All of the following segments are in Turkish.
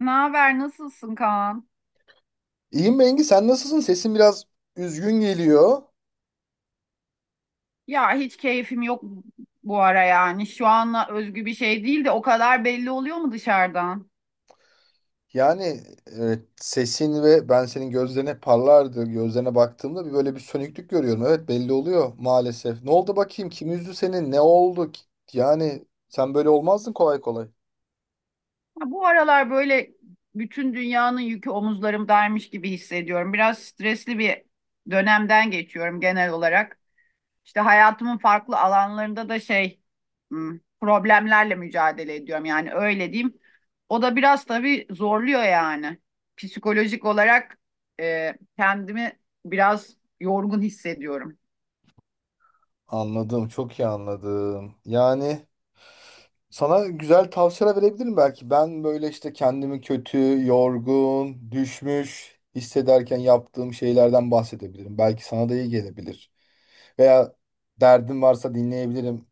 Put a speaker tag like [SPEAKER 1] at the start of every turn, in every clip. [SPEAKER 1] Ne haber? Nasılsın Kaan?
[SPEAKER 2] İyiyim Bengi, sen nasılsın? Sesin biraz üzgün geliyor.
[SPEAKER 1] Ya hiç keyfim yok bu ara yani. Şu anla özgü bir şey değil de o kadar belli oluyor mu dışarıdan?
[SPEAKER 2] Yani evet, sesin ve ben senin gözlerine parlardı. Gözlerine baktığımda bir böyle bir sönüklük görüyorum. Evet belli oluyor maalesef. Ne oldu bakayım? Kim üzdü seni? Ne oldu? Yani sen böyle olmazdın kolay kolay.
[SPEAKER 1] Ya bu aralar böyle bütün dünyanın yükü omuzlarımdaymış gibi hissediyorum. Biraz stresli bir dönemden geçiyorum genel olarak. İşte hayatımın farklı alanlarında da problemlerle mücadele ediyorum yani öyle diyeyim. O da biraz tabii zorluyor yani. Psikolojik olarak kendimi biraz yorgun hissediyorum.
[SPEAKER 2] Anladım, çok iyi anladım. Yani sana güzel tavsiyeler verebilirim belki. Ben böyle işte kendimi kötü, yorgun, düşmüş hissederken yaptığım şeylerden bahsedebilirim. Belki sana da iyi gelebilir. Veya derdin varsa dinleyebilirim.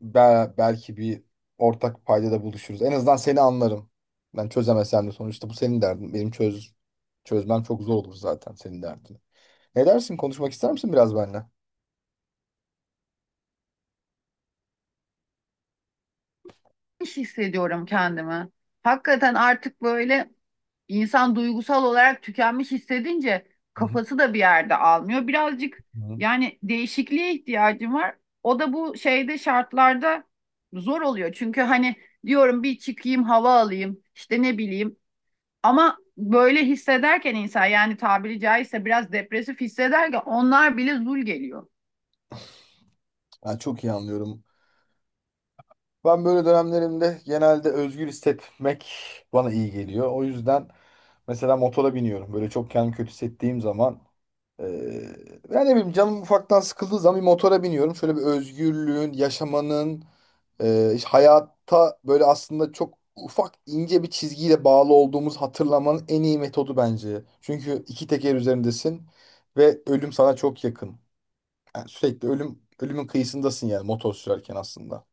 [SPEAKER 2] Belki bir ortak paydada buluşuruz. En azından seni anlarım. Ben çözemesem de sonuçta bu senin derdin. Benim çöz çözmem çok zor olur zaten senin derdini. Ne dersin? Konuşmak ister misin biraz benimle?
[SPEAKER 1] İş hissediyorum kendimi. Hakikaten artık böyle İnsan duygusal olarak tükenmiş hissedince
[SPEAKER 2] Hı
[SPEAKER 1] kafası da bir yerde almıyor. Birazcık
[SPEAKER 2] hı. Hı.
[SPEAKER 1] yani değişikliğe ihtiyacım var. O da bu şartlarda zor oluyor. Çünkü hani diyorum bir çıkayım hava alayım işte ne bileyim ama böyle hissederken insan yani tabiri caizse biraz depresif hissederken onlar bile zul geliyor.
[SPEAKER 2] Ben çok iyi anlıyorum. Ben böyle dönemlerimde genelde özgür hissetmek bana iyi geliyor. O yüzden mesela motora biniyorum. Böyle çok kendimi kötü hissettiğim zaman Ee, yani ne bileyim canım ufaktan sıkıldığı zaman bir motora biniyorum. Şöyle bir özgürlüğün, yaşamanın, işte hayata böyle aslında çok ufak ince bir çizgiyle bağlı olduğumuz hatırlamanın en iyi metodu bence. Çünkü iki teker üzerindesin ve ölüm sana çok yakın. Yani sürekli ölümün kıyısındasın yani motor sürerken aslında.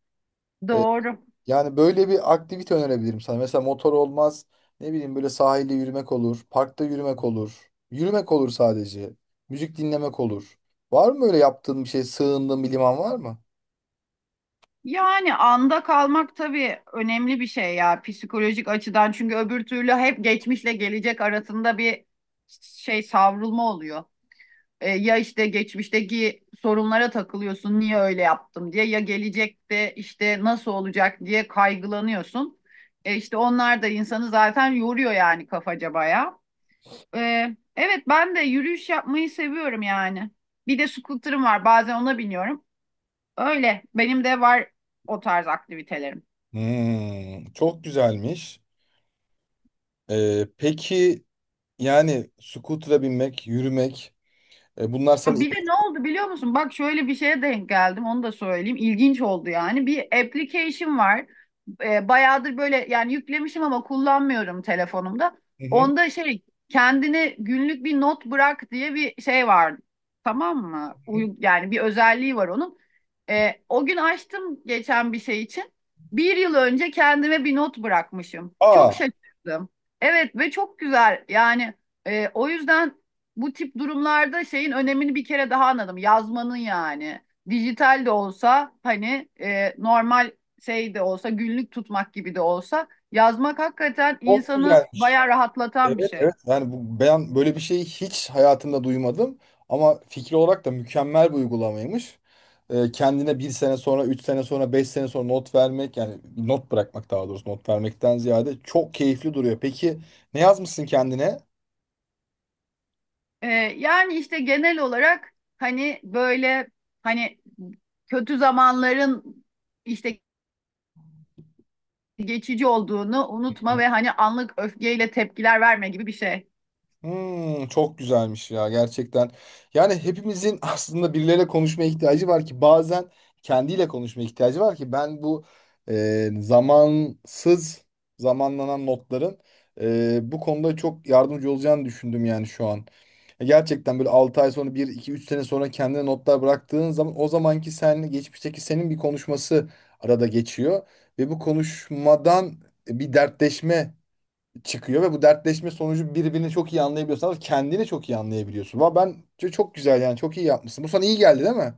[SPEAKER 2] Ee,
[SPEAKER 1] Doğru.
[SPEAKER 2] Yani böyle bir aktivite önerebilirim sana. Mesela motor olmaz. Ne bileyim böyle sahilde yürümek olur. Parkta yürümek olur. Yürümek olur sadece. Müzik dinlemek olur. Var mı böyle yaptığın bir şey, sığındığın bir liman var mı?
[SPEAKER 1] Yani anda kalmak tabii önemli bir şey ya psikolojik açıdan çünkü öbür türlü hep geçmişle gelecek arasında bir savrulma oluyor. Ya işte geçmişteki sorunlara takılıyorsun niye öyle yaptım diye ya gelecekte işte nasıl olacak diye kaygılanıyorsun. İşte onlar da insanı zaten yoruyor yani kafaca bayağı. E, evet ben de yürüyüş yapmayı seviyorum yani. Bir de scooter'ım var bazen ona biniyorum. Öyle. Benim de var o tarz aktivitelerim.
[SPEAKER 2] Hmm, çok güzelmiş. Peki yani scooter'a binmek, yürümek bunlar sana...
[SPEAKER 1] Ha, bir de ne oldu biliyor musun? Bak şöyle bir şeye denk geldim. Onu da söyleyeyim. İlginç oldu yani. Bir application var. Bayağıdır böyle yani yüklemişim ama kullanmıyorum telefonumda.
[SPEAKER 2] Hı hı.
[SPEAKER 1] Onda kendine günlük bir not bırak diye bir şey var. Tamam mı? Uy yani bir özelliği var onun. O gün açtım geçen bir şey için. Bir yıl önce kendime bir not bırakmışım. Çok
[SPEAKER 2] Aa,
[SPEAKER 1] şaşırdım. Evet ve çok güzel. Yani o yüzden bu tip durumlarda şeyin önemini bir kere daha anladım. Yazmanın yani. Dijital de olsa hani normal şey de olsa günlük tutmak gibi de olsa yazmak hakikaten
[SPEAKER 2] çok
[SPEAKER 1] insanı
[SPEAKER 2] güzelmiş.
[SPEAKER 1] bayağı rahatlatan bir
[SPEAKER 2] Evet
[SPEAKER 1] şey.
[SPEAKER 2] evet yani bu, ben böyle bir şeyi hiç hayatımda duymadım ama fikri olarak da mükemmel bir uygulamaymış. Kendine bir sene sonra, üç sene sonra, beş sene sonra not vermek yani not bırakmak daha doğrusu not vermekten ziyade çok keyifli duruyor. Peki ne yazmışsın kendine?
[SPEAKER 1] E, Yani işte genel olarak hani böyle hani kötü zamanların işte geçici olduğunu unutma ve hani anlık öfkeyle tepkiler verme gibi bir şey.
[SPEAKER 2] Hmm, çok güzelmiş ya gerçekten. Yani hepimizin aslında birileriyle konuşmaya ihtiyacı var ki bazen kendiyle konuşmaya ihtiyacı var ki ben bu zamansız zamanlanan notların bu konuda çok yardımcı olacağını düşündüm yani şu an. Gerçekten böyle 6 ay sonra bir 2 3 sene sonra kendine notlar bıraktığın zaman o zamanki seninle geçmişteki senin bir konuşması arada geçiyor. Ve bu konuşmadan bir dertleşme çıkıyor ve bu dertleşme sonucu birbirini çok iyi anlayabiliyorsanız kendini çok iyi anlayabiliyorsun. Valla ben çok çok güzel yani çok iyi yapmışsın. Bu sana iyi geldi değil mi?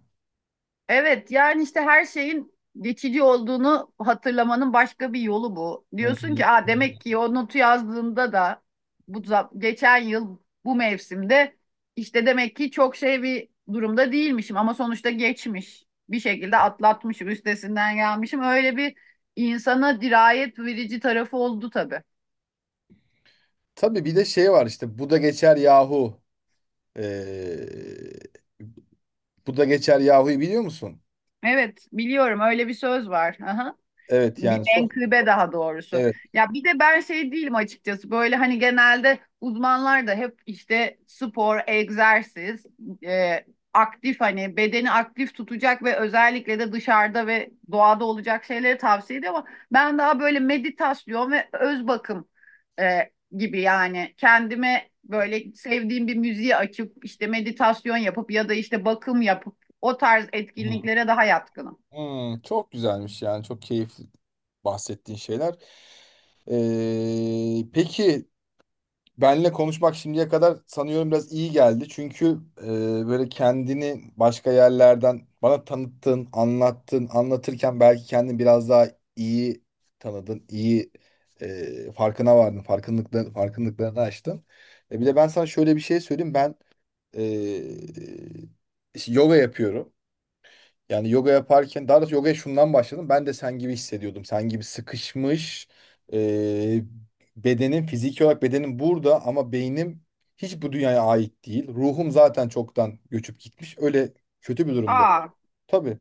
[SPEAKER 1] Evet yani işte her şeyin geçici olduğunu hatırlamanın başka bir yolu bu.
[SPEAKER 2] Hı
[SPEAKER 1] Diyorsun
[SPEAKER 2] hı.
[SPEAKER 1] ki aa, demek ki o notu yazdığımda da bu geçen yıl bu mevsimde işte demek ki çok şey bir durumda değilmişim ama sonuçta geçmiş. Bir şekilde atlatmışım, üstesinden gelmişim. Öyle bir insana dirayet verici tarafı oldu tabii.
[SPEAKER 2] Tabii bir de şey var işte bu da geçer yahu. Ee, Bu da geçer yahu'yu biliyor musun?
[SPEAKER 1] Evet biliyorum öyle bir söz var. Aha.
[SPEAKER 2] Evet
[SPEAKER 1] Bir
[SPEAKER 2] yani
[SPEAKER 1] menkıbe daha doğrusu.
[SPEAKER 2] evet.
[SPEAKER 1] Ya bir de ben şey değilim açıkçası. Böyle hani genelde uzmanlar da hep işte spor, egzersiz, e, aktif hani bedeni aktif tutacak ve özellikle de dışarıda ve doğada olacak şeyleri tavsiye ediyor ama ben daha böyle meditasyon ve öz bakım e, gibi yani kendime böyle sevdiğim bir müziği açıp işte meditasyon yapıp ya da işte bakım yapıp o tarz
[SPEAKER 2] Hı.
[SPEAKER 1] etkinliklere daha yatkınım.
[SPEAKER 2] Hmm, çok güzelmiş yani çok keyifli bahsettiğin şeyler. Ee, peki Benle konuşmak şimdiye kadar sanıyorum biraz iyi geldi. Çünkü e, böyle kendini başka yerlerden bana tanıttın, anlattın, anlatırken belki kendini biraz daha iyi tanıdın, iyi farkına vardın, farkındalıklarını açtın. Bir de ben sana şöyle bir şey söyleyeyim. Ben işte yoga yapıyorum. Yani yoga yaparken daha doğrusu yogaya şundan başladım. Ben de sen gibi hissediyordum. Sen gibi sıkışmış e, bedenin fiziki olarak bedenim burada ama beynim hiç bu dünyaya ait değil. Ruhum zaten çoktan göçüp gitmiş. Öyle kötü bir durumda.
[SPEAKER 1] Aa.
[SPEAKER 2] Tabii.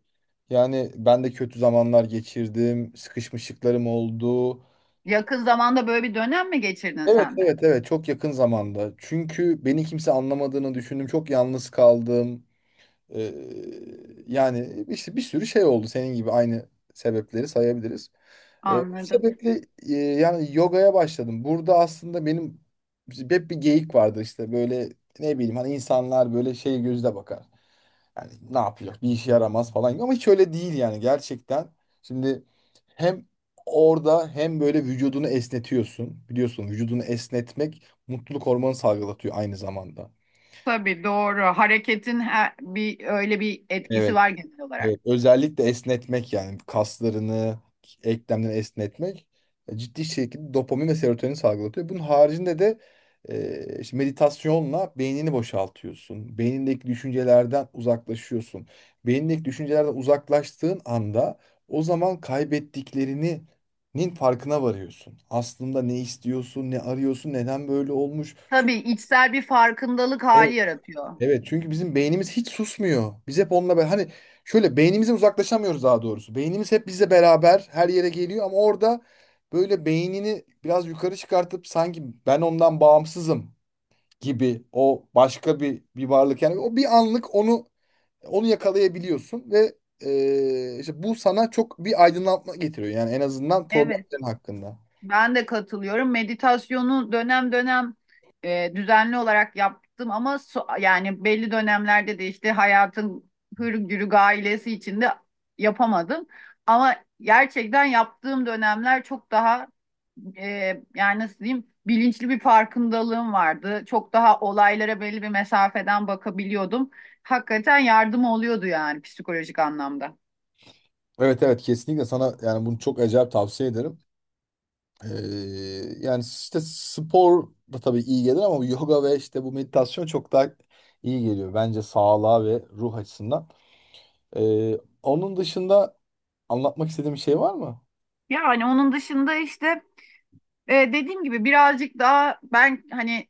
[SPEAKER 2] Yani ben de kötü zamanlar geçirdim. Sıkışmışlıklarım oldu.
[SPEAKER 1] Yakın zamanda böyle bir dönem mi geçirdin
[SPEAKER 2] Evet
[SPEAKER 1] sen de?
[SPEAKER 2] evet evet çok yakın zamanda. Çünkü beni kimse anlamadığını düşündüm. Çok yalnız kaldım. Ee, Yani işte bir sürü şey oldu senin gibi aynı sebepleri sayabiliriz. Bu
[SPEAKER 1] Anladım.
[SPEAKER 2] sebeple yani yogaya başladım. Burada aslında benim hep bir geyik vardır işte böyle ne bileyim hani insanlar böyle şey gözle bakar. Yani ne yapacak bir işe yaramaz falan gibi ama hiç öyle değil yani gerçekten. Şimdi hem orada hem böyle vücudunu esnetiyorsun. Biliyorsun vücudunu esnetmek mutluluk hormonu salgılatıyor aynı zamanda.
[SPEAKER 1] Tabii doğru. Hareketin her, bir öyle bir etkisi
[SPEAKER 2] Evet.
[SPEAKER 1] var genel olarak.
[SPEAKER 2] Evet, özellikle esnetmek yani kaslarını, eklemleri esnetmek ciddi şekilde dopamin ve serotonin salgılatıyor. Bunun haricinde de işte meditasyonla beynini boşaltıyorsun. Beynindeki düşüncelerden uzaklaşıyorsun. Beynindeki düşüncelerden uzaklaştığın anda o zaman kaybettiklerinin farkına varıyorsun. Aslında ne istiyorsun, ne arıyorsun, neden böyle olmuş.
[SPEAKER 1] Tabii
[SPEAKER 2] Çünkü
[SPEAKER 1] içsel bir farkındalık hali yaratıyor.
[SPEAKER 2] evet çünkü bizim beynimiz hiç susmuyor. Biz hep onunla beraber hani şöyle beynimize uzaklaşamıyoruz daha doğrusu. Beynimiz hep bizle beraber her yere geliyor ama orada böyle beynini biraz yukarı çıkartıp sanki ben ondan bağımsızım gibi o başka bir varlık yani o bir anlık onu yakalayabiliyorsun ve işte bu sana çok bir aydınlatma getiriyor yani en azından
[SPEAKER 1] Evet.
[SPEAKER 2] problemlerin hakkında.
[SPEAKER 1] Ben de katılıyorum. Meditasyonu dönem dönem düzenli olarak yaptım ama yani belli dönemlerde de işte hayatın hır gailesi içinde yapamadım. Ama gerçekten yaptığım dönemler çok daha e, yani nasıl diyeyim bilinçli bir farkındalığım vardı. Çok daha olaylara belli bir mesafeden bakabiliyordum. Hakikaten yardım oluyordu yani psikolojik anlamda.
[SPEAKER 2] Evet evet kesinlikle sana yani bunu çok acayip tavsiye ederim. Ee, Yani işte spor da tabii iyi gelir ama yoga ve işte bu meditasyon çok daha iyi geliyor bence sağlığa ve ruh açısından. Ee, Onun dışında anlatmak istediğim bir şey var mı?
[SPEAKER 1] Yani onun dışında işte dediğim gibi birazcık daha ben hani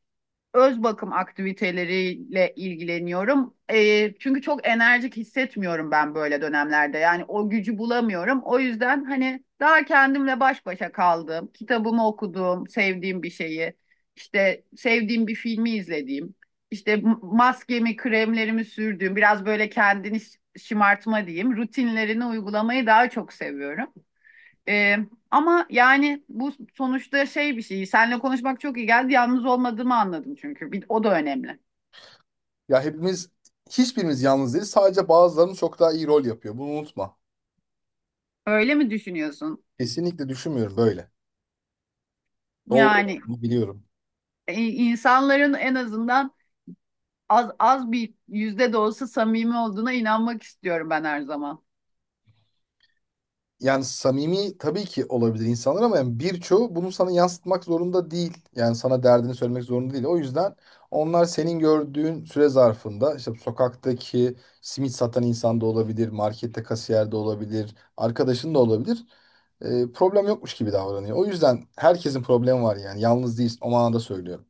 [SPEAKER 1] öz bakım aktiviteleriyle ilgileniyorum. Çünkü çok enerjik hissetmiyorum ben böyle dönemlerde. Yani o gücü bulamıyorum. O yüzden hani daha kendimle baş başa kaldım. Kitabımı okudum, sevdiğim bir şeyi, işte sevdiğim bir filmi izlediğim, işte maskemi, kremlerimi sürdüğüm, biraz böyle kendini şımartma diyeyim, rutinlerini uygulamayı daha çok seviyorum. Ee, Ama yani bu sonuçta şey bir şey. Seninle konuşmak çok iyi geldi. Yalnız olmadığımı anladım çünkü. Bir, o da önemli.
[SPEAKER 2] Ya hepimiz hiçbirimiz yalnız değiliz. Sadece bazılarımız çok daha iyi rol yapıyor. Bunu unutma.
[SPEAKER 1] Öyle mi düşünüyorsun?
[SPEAKER 2] Kesinlikle düşünmüyorum böyle. Doğru
[SPEAKER 1] Yani
[SPEAKER 2] olduğunu biliyorum.
[SPEAKER 1] e, insanların en azından az az bir yüzde de olsa samimi olduğuna inanmak istiyorum ben her zaman.
[SPEAKER 2] Yani samimi tabii ki olabilir insanlar ama yani birçoğu bunu sana yansıtmak zorunda değil. Yani sana derdini söylemek zorunda değil. O yüzden onlar senin gördüğün süre zarfında işte sokaktaki simit satan insan da olabilir, markette kasiyer de olabilir, arkadaşın da olabilir. Problem yokmuş gibi davranıyor. O yüzden herkesin problemi var yani. Yalnız değilsin. O manada söylüyorum.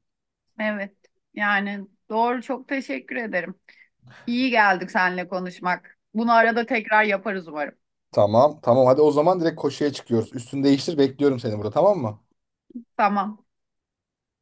[SPEAKER 1] Evet. Yani doğru. Çok teşekkür ederim. İyi geldik seninle konuşmak. Bunu arada tekrar yaparız umarım.
[SPEAKER 2] Tamam, tamam. Hadi o zaman direkt koşuya çıkıyoruz. Üstünü değiştir, bekliyorum seni burada, tamam mı?
[SPEAKER 1] Tamam.